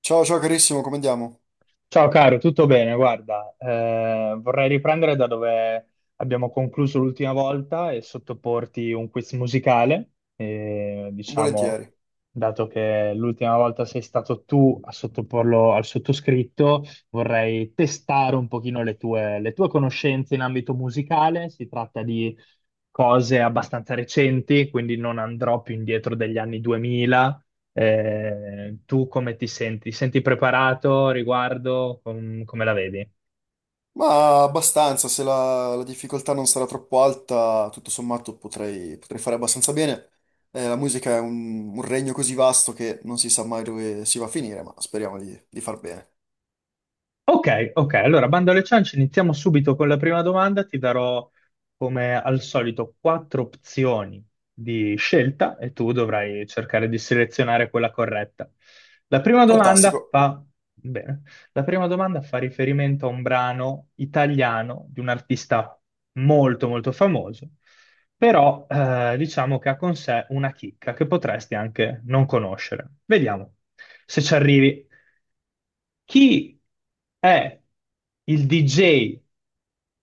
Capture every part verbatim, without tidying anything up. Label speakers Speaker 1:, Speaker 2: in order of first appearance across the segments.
Speaker 1: Ciao, ciao carissimo, come andiamo?
Speaker 2: Ciao caro, tutto bene? Guarda, eh, vorrei riprendere da dove abbiamo concluso l'ultima volta e sottoporti un quiz musicale. E, diciamo,
Speaker 1: Volentieri.
Speaker 2: dato che l'ultima volta sei stato tu a sottoporlo al sottoscritto, vorrei testare un pochino le tue, le tue conoscenze in ambito musicale. Si tratta di cose abbastanza recenti, quindi non andrò più indietro degli anni duemila. Eh, tu come ti senti? Ti senti preparato riguardo? Com- come la vedi?
Speaker 1: Ma abbastanza, se la, la difficoltà non sarà troppo alta, tutto sommato potrei, potrei fare abbastanza bene. Eh, la musica è un, un regno così vasto che non si sa mai dove si va a finire, ma speriamo di, di far bene.
Speaker 2: Ok, ok, allora bando alle ciance, iniziamo subito con la prima domanda. Ti darò, come al solito, quattro opzioni di scelta e tu dovrai cercare di selezionare quella corretta. La prima domanda
Speaker 1: Fantastico.
Speaker 2: fa, bene, la prima domanda fa riferimento a un brano italiano di un artista molto molto famoso, però eh, diciamo che ha con sé una chicca che potresti anche non conoscere. Vediamo se ci arrivi. Chi è il D J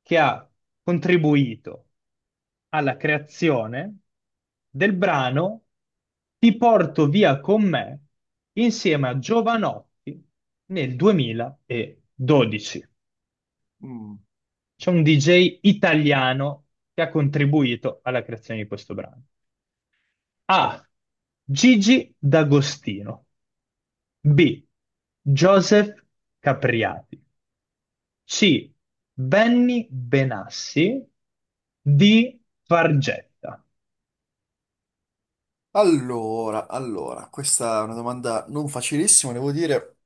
Speaker 2: che ha contribuito alla creazione del brano Ti porto via con me insieme a Giovanotti nel duemiladodici.
Speaker 1: Mm.
Speaker 2: C'è un D J italiano che ha contribuito alla creazione di questo brano. A. Gigi D'Agostino. B. Joseph Capriati. C. Benny Benassi di Fargetta.
Speaker 1: Allora, allora, questa è una domanda non facilissima, devo dire.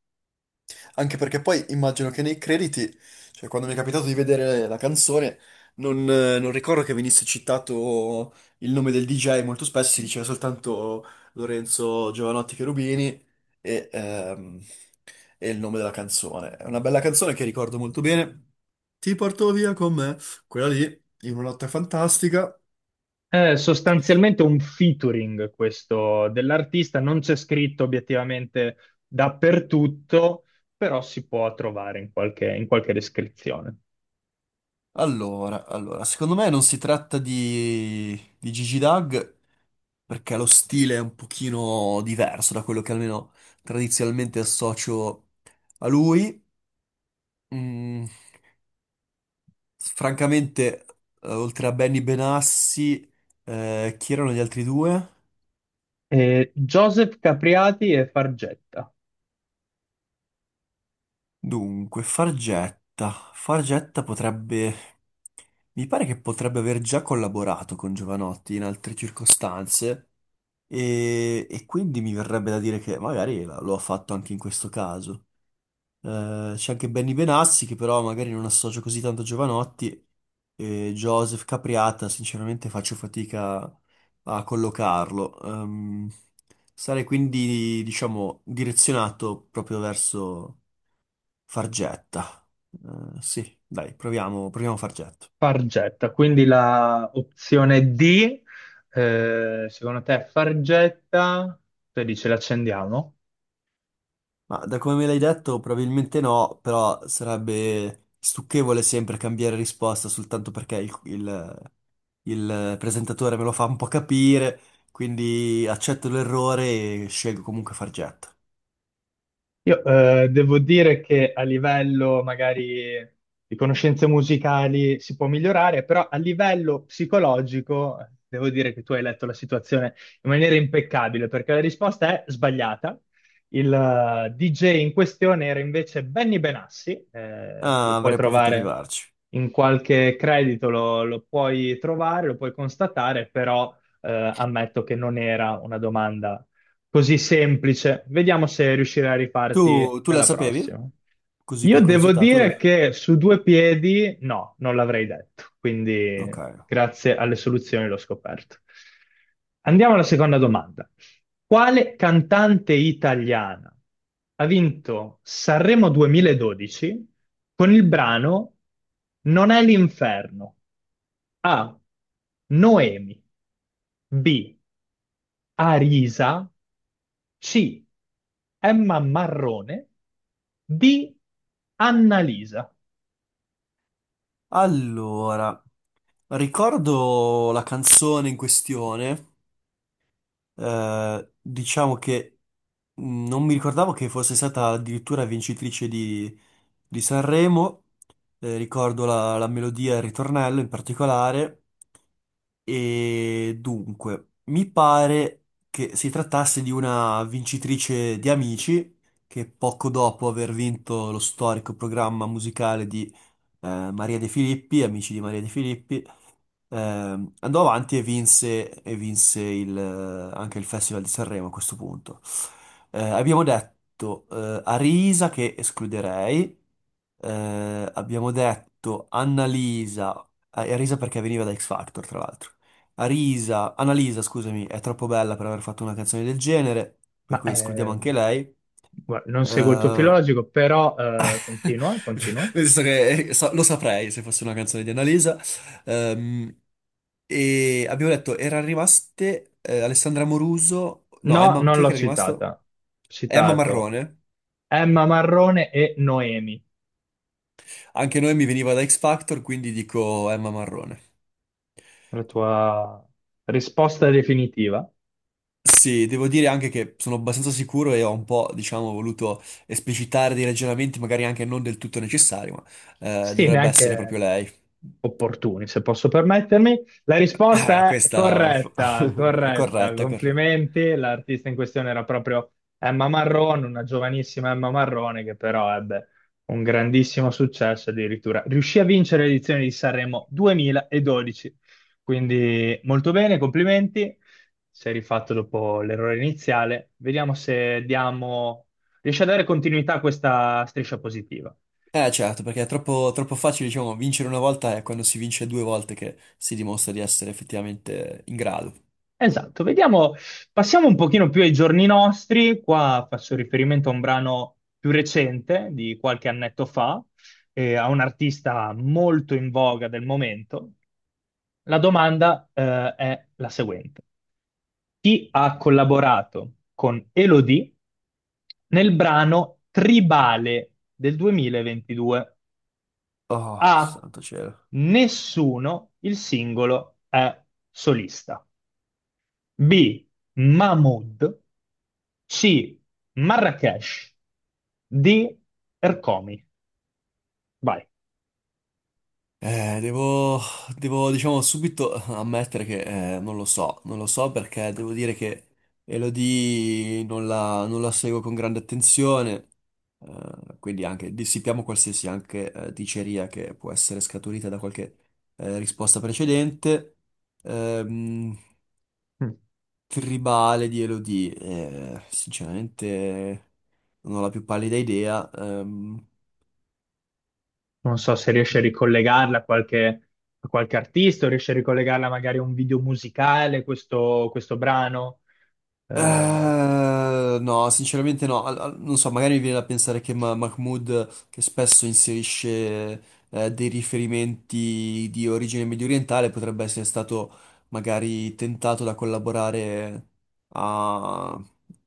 Speaker 1: Anche perché poi immagino che nei crediti, cioè quando mi è capitato di vedere la canzone, non, eh, non ricordo che venisse citato il nome del D J, molto spesso si diceva soltanto Lorenzo Giovanotti Cherubini e, ehm, e il nome della canzone. È una bella canzone che ricordo molto bene. Ti porto via con me, quella lì, in una notte fantastica.
Speaker 2: È sostanzialmente un featuring questo dell'artista, non c'è scritto obiettivamente dappertutto, però si può trovare in qualche, in qualche descrizione.
Speaker 1: Allora, allora, secondo me non si tratta di, di Gigi Dag perché lo stile è un pochino diverso da quello che almeno tradizionalmente associo a lui. Mm, francamente, eh, oltre a Benny Benassi, eh, chi erano gli altri due?
Speaker 2: Eh, Joseph Capriati e Fargetta.
Speaker 1: Dunque, Fargetta. Fargetta potrebbe... Mi pare che potrebbe aver già collaborato con Giovanotti in altre circostanze e, e quindi mi verrebbe da dire che magari la- lo ha fatto anche in questo caso. Eh, c'è anche Benny Benassi che però magari non associo così tanto a Giovanotti e Joseph Capriata sinceramente faccio fatica a collocarlo. Ehm, sarei quindi diciamo direzionato proprio verso Fargetta. Eh, sì, dai, proviamo, proviamo Fargetta.
Speaker 2: Fargetta, quindi la opzione D, eh, secondo te è Fargetta, te dici l'accendiamo?
Speaker 1: Ma da come me l'hai detto probabilmente no, però sarebbe stucchevole sempre cambiare risposta soltanto perché il, il il presentatore me lo fa un po' capire, quindi accetto l'errore e scelgo comunque Fargetta.
Speaker 2: Io eh, devo dire che a livello magari di conoscenze musicali si può migliorare, però a livello psicologico eh, devo dire che tu hai letto la situazione in maniera impeccabile, perché la risposta è sbagliata. Il eh, D J in questione era invece Benny Benassi, eh, lo
Speaker 1: Ah,
Speaker 2: puoi
Speaker 1: avrei potuto
Speaker 2: trovare
Speaker 1: arrivarci.
Speaker 2: in qualche credito, lo, lo puoi trovare, lo puoi constatare, però eh, ammetto che non era una domanda così semplice. Vediamo se riuscirai a
Speaker 1: Tu,
Speaker 2: rifarti
Speaker 1: tu la
Speaker 2: nella
Speaker 1: sapevi?
Speaker 2: prossima.
Speaker 1: Così per
Speaker 2: Io devo
Speaker 1: curiosità, tu lo...
Speaker 2: dire che su due piedi no, non l'avrei detto, quindi
Speaker 1: Ok.
Speaker 2: grazie alle soluzioni l'ho scoperto. Andiamo alla seconda domanda. Quale cantante italiana ha vinto Sanremo duemiladodici con il brano Non è l'inferno? A. Noemi. B. Arisa. C. Emma Marrone. D. Annalisa.
Speaker 1: Allora, ricordo la canzone in questione. Eh, diciamo che mh, non mi ricordavo che fosse stata addirittura vincitrice di, di Sanremo. Eh, ricordo la, la melodia e il ritornello in particolare. E dunque, mi pare che si trattasse di una vincitrice di Amici, che poco dopo aver vinto lo storico programma musicale di eh, Maria De Filippi, Amici di Maria De Filippi. Ehm, andò avanti e vinse, e vinse il, eh, anche il Festival di Sanremo a questo punto. Eh, abbiamo detto eh, Arisa che escluderei, eh, abbiamo detto Annalisa, eh, Arisa perché veniva da X Factor tra l'altro. Arisa, Annalisa, scusami, è troppo bella per aver fatto una canzone del genere, per
Speaker 2: Ma
Speaker 1: cui escludiamo
Speaker 2: eh,
Speaker 1: anche lei.
Speaker 2: guarda, non seguo il tuo
Speaker 1: Eh,
Speaker 2: filologico, però eh, continua, continua.
Speaker 1: nel senso che eh, sa- lo saprei se fosse una canzone di Annalisa. Ehm, e abbiamo detto, erano rimaste eh, Alessandra Moruso, no,
Speaker 2: No,
Speaker 1: Emma,
Speaker 2: non
Speaker 1: chi è che
Speaker 2: l'ho
Speaker 1: era rimasto?
Speaker 2: citata.
Speaker 1: Emma
Speaker 2: Citato
Speaker 1: Marrone.
Speaker 2: Emma Marrone e Noemi.
Speaker 1: Anche noi mi veniva da X Factor, quindi dico Emma Marrone.
Speaker 2: La tua risposta definitiva.
Speaker 1: Sì, devo dire anche che sono abbastanza sicuro e ho un po', diciamo, voluto esplicitare dei ragionamenti, magari anche non del tutto necessari, ma eh,
Speaker 2: Sì,
Speaker 1: dovrebbe essere proprio
Speaker 2: neanche
Speaker 1: lei.
Speaker 2: opportuni, se posso permettermi. La
Speaker 1: Ah,
Speaker 2: risposta è
Speaker 1: questa
Speaker 2: corretta,
Speaker 1: è
Speaker 2: corretta.
Speaker 1: corretta, è corretta.
Speaker 2: Complimenti. L'artista in questione era proprio Emma Marrone, una giovanissima Emma Marrone che però ebbe un grandissimo successo, addirittura riuscì a vincere l'edizione di Sanremo duemiladodici. Quindi molto bene, complimenti. Sei rifatto dopo l'errore iniziale. Vediamo se diamo... riesci a dare continuità a questa striscia positiva.
Speaker 1: Eh certo, perché è troppo, troppo facile, diciamo, vincere una volta è quando si vince due volte che si dimostra di essere effettivamente in grado.
Speaker 2: Esatto, vediamo, passiamo un pochino più ai giorni nostri, qua faccio riferimento a un brano più recente di qualche annetto fa, eh, a un artista molto in voga del momento. La domanda, eh, è la seguente. Chi ha collaborato con Elodie nel brano Tribale del duemilaventidue?
Speaker 1: Oh,
Speaker 2: A.
Speaker 1: santo cielo.
Speaker 2: Nessuno, il singolo è solista. B. Mahmood. C. Marrakesh. D. Ercomi. Vai.
Speaker 1: Eh, devo, devo, diciamo, subito ammettere che eh, non lo so, non lo so perché devo dire che Elodie non la, non la seguo con grande attenzione, eh, quindi anche dissipiamo qualsiasi anche eh, diceria che può essere scaturita da qualche eh, risposta precedente. Ehm,
Speaker 2: Mm.
Speaker 1: tribale di Elodie. Eh, sinceramente non ho la più pallida idea. Ehm,
Speaker 2: Non so se riesci a ricollegarla a qualche, a qualche artista o riesci a ricollegarla magari a un video musicale, questo, questo brano. Eh,
Speaker 1: eh, no, sinceramente no. Al- al- non so, magari mi viene da pensare che Ma- Mahmood, che spesso inserisce eh, dei riferimenti di origine mediorientale, potrebbe essere stato magari tentato da collaborare a,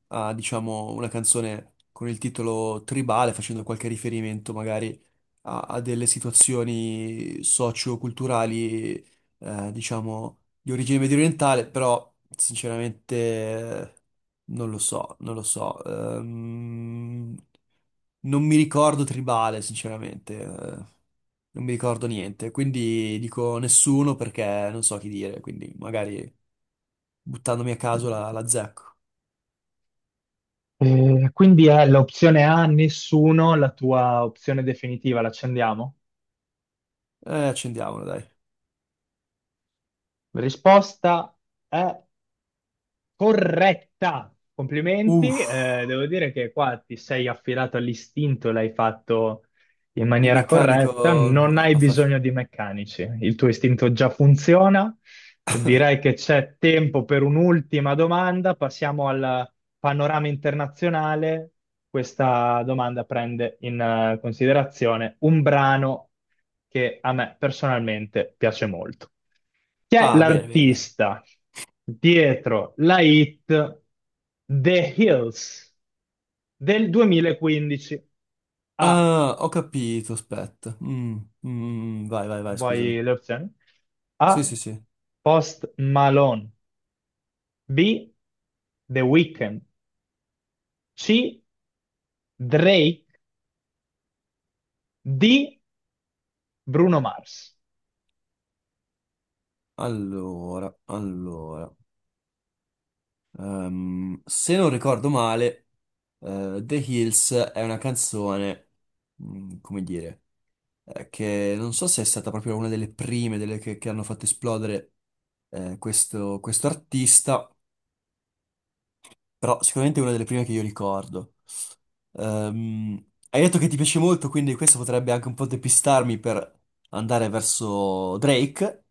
Speaker 1: a, diciamo, una canzone con il titolo Tribale, facendo qualche riferimento magari a, a delle situazioni socio-culturali, eh, diciamo, di origine medio orientale, però sinceramente eh, non lo so, non lo so. Ehm, non mi ricordo tribale, sinceramente, eh, non mi ricordo niente, quindi dico nessuno perché non so chi dire, quindi magari buttandomi a caso la, la zecco.
Speaker 2: eh, quindi è l'opzione A, nessuno, la tua opzione definitiva, l'accendiamo?
Speaker 1: Eh, accendiamola, dai.
Speaker 2: Risposta è corretta! Complimenti,
Speaker 1: Uff,
Speaker 2: eh, devo dire che qua ti sei affidato all'istinto, l'hai fatto in
Speaker 1: il
Speaker 2: maniera corretta,
Speaker 1: meccanico
Speaker 2: non hai
Speaker 1: ha fatto...
Speaker 2: bisogno di meccanici, il tuo istinto già funziona. Direi che c'è tempo per un'ultima domanda. Passiamo al panorama internazionale. Questa domanda prende in eh, considerazione un brano che a me personalmente piace molto. Chi è
Speaker 1: Ah, bene, bene.
Speaker 2: l'artista dietro la hit The Hills del duemilaquindici? A,
Speaker 1: Ah, ho capito, aspetta. Mm, mm, mm, mm, vai, vai, vai, scusami.
Speaker 2: vuoi le opzioni?
Speaker 1: Sì,
Speaker 2: A,
Speaker 1: sì, sì.
Speaker 2: Post Malone. B. The Weeknd. C. Drake. D. Bruno Mars.
Speaker 1: Allora, allora. Ehm, se non ricordo male, eh, The Hills è una canzone, mm, come dire, eh, che non so se è stata proprio una delle prime, delle che, che hanno fatto esplodere eh, questo, questo artista. Però sicuramente è una delle prime che io ricordo. Ehm, hai detto che ti piace molto, quindi questo potrebbe anche un po' depistarmi per andare verso Drake,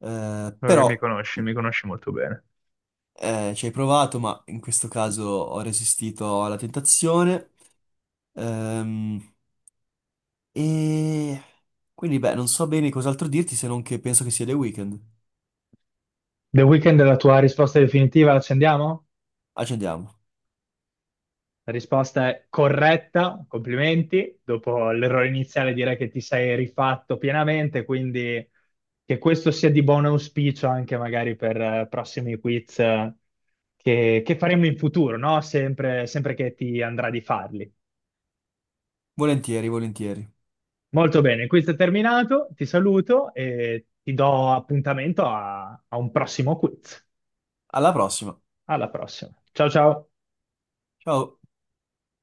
Speaker 1: eh,
Speaker 2: So che mi
Speaker 1: però
Speaker 2: conosci, mi conosci molto bene.
Speaker 1: eh, ci hai provato, ma in questo caso ho resistito alla tentazione. Ehm, e quindi, beh, non so bene cos'altro dirti se non che penso che sia The Weeknd.
Speaker 2: The Weeknd è la tua risposta definitiva, l'accendiamo?
Speaker 1: Accendiamo.
Speaker 2: La risposta è corretta, complimenti. Dopo l'errore iniziale direi che ti sei rifatto pienamente, quindi che questo sia di buon auspicio anche magari per eh, prossimi quiz eh, che, che faremo in futuro, no? Sempre, sempre che ti andrà di farli.
Speaker 1: Volentieri, volentieri.
Speaker 2: Molto bene, questo è terminato, ti saluto e ti do appuntamento a a un prossimo quiz.
Speaker 1: Alla prossima.
Speaker 2: Alla prossima. Ciao ciao.
Speaker 1: Ciao.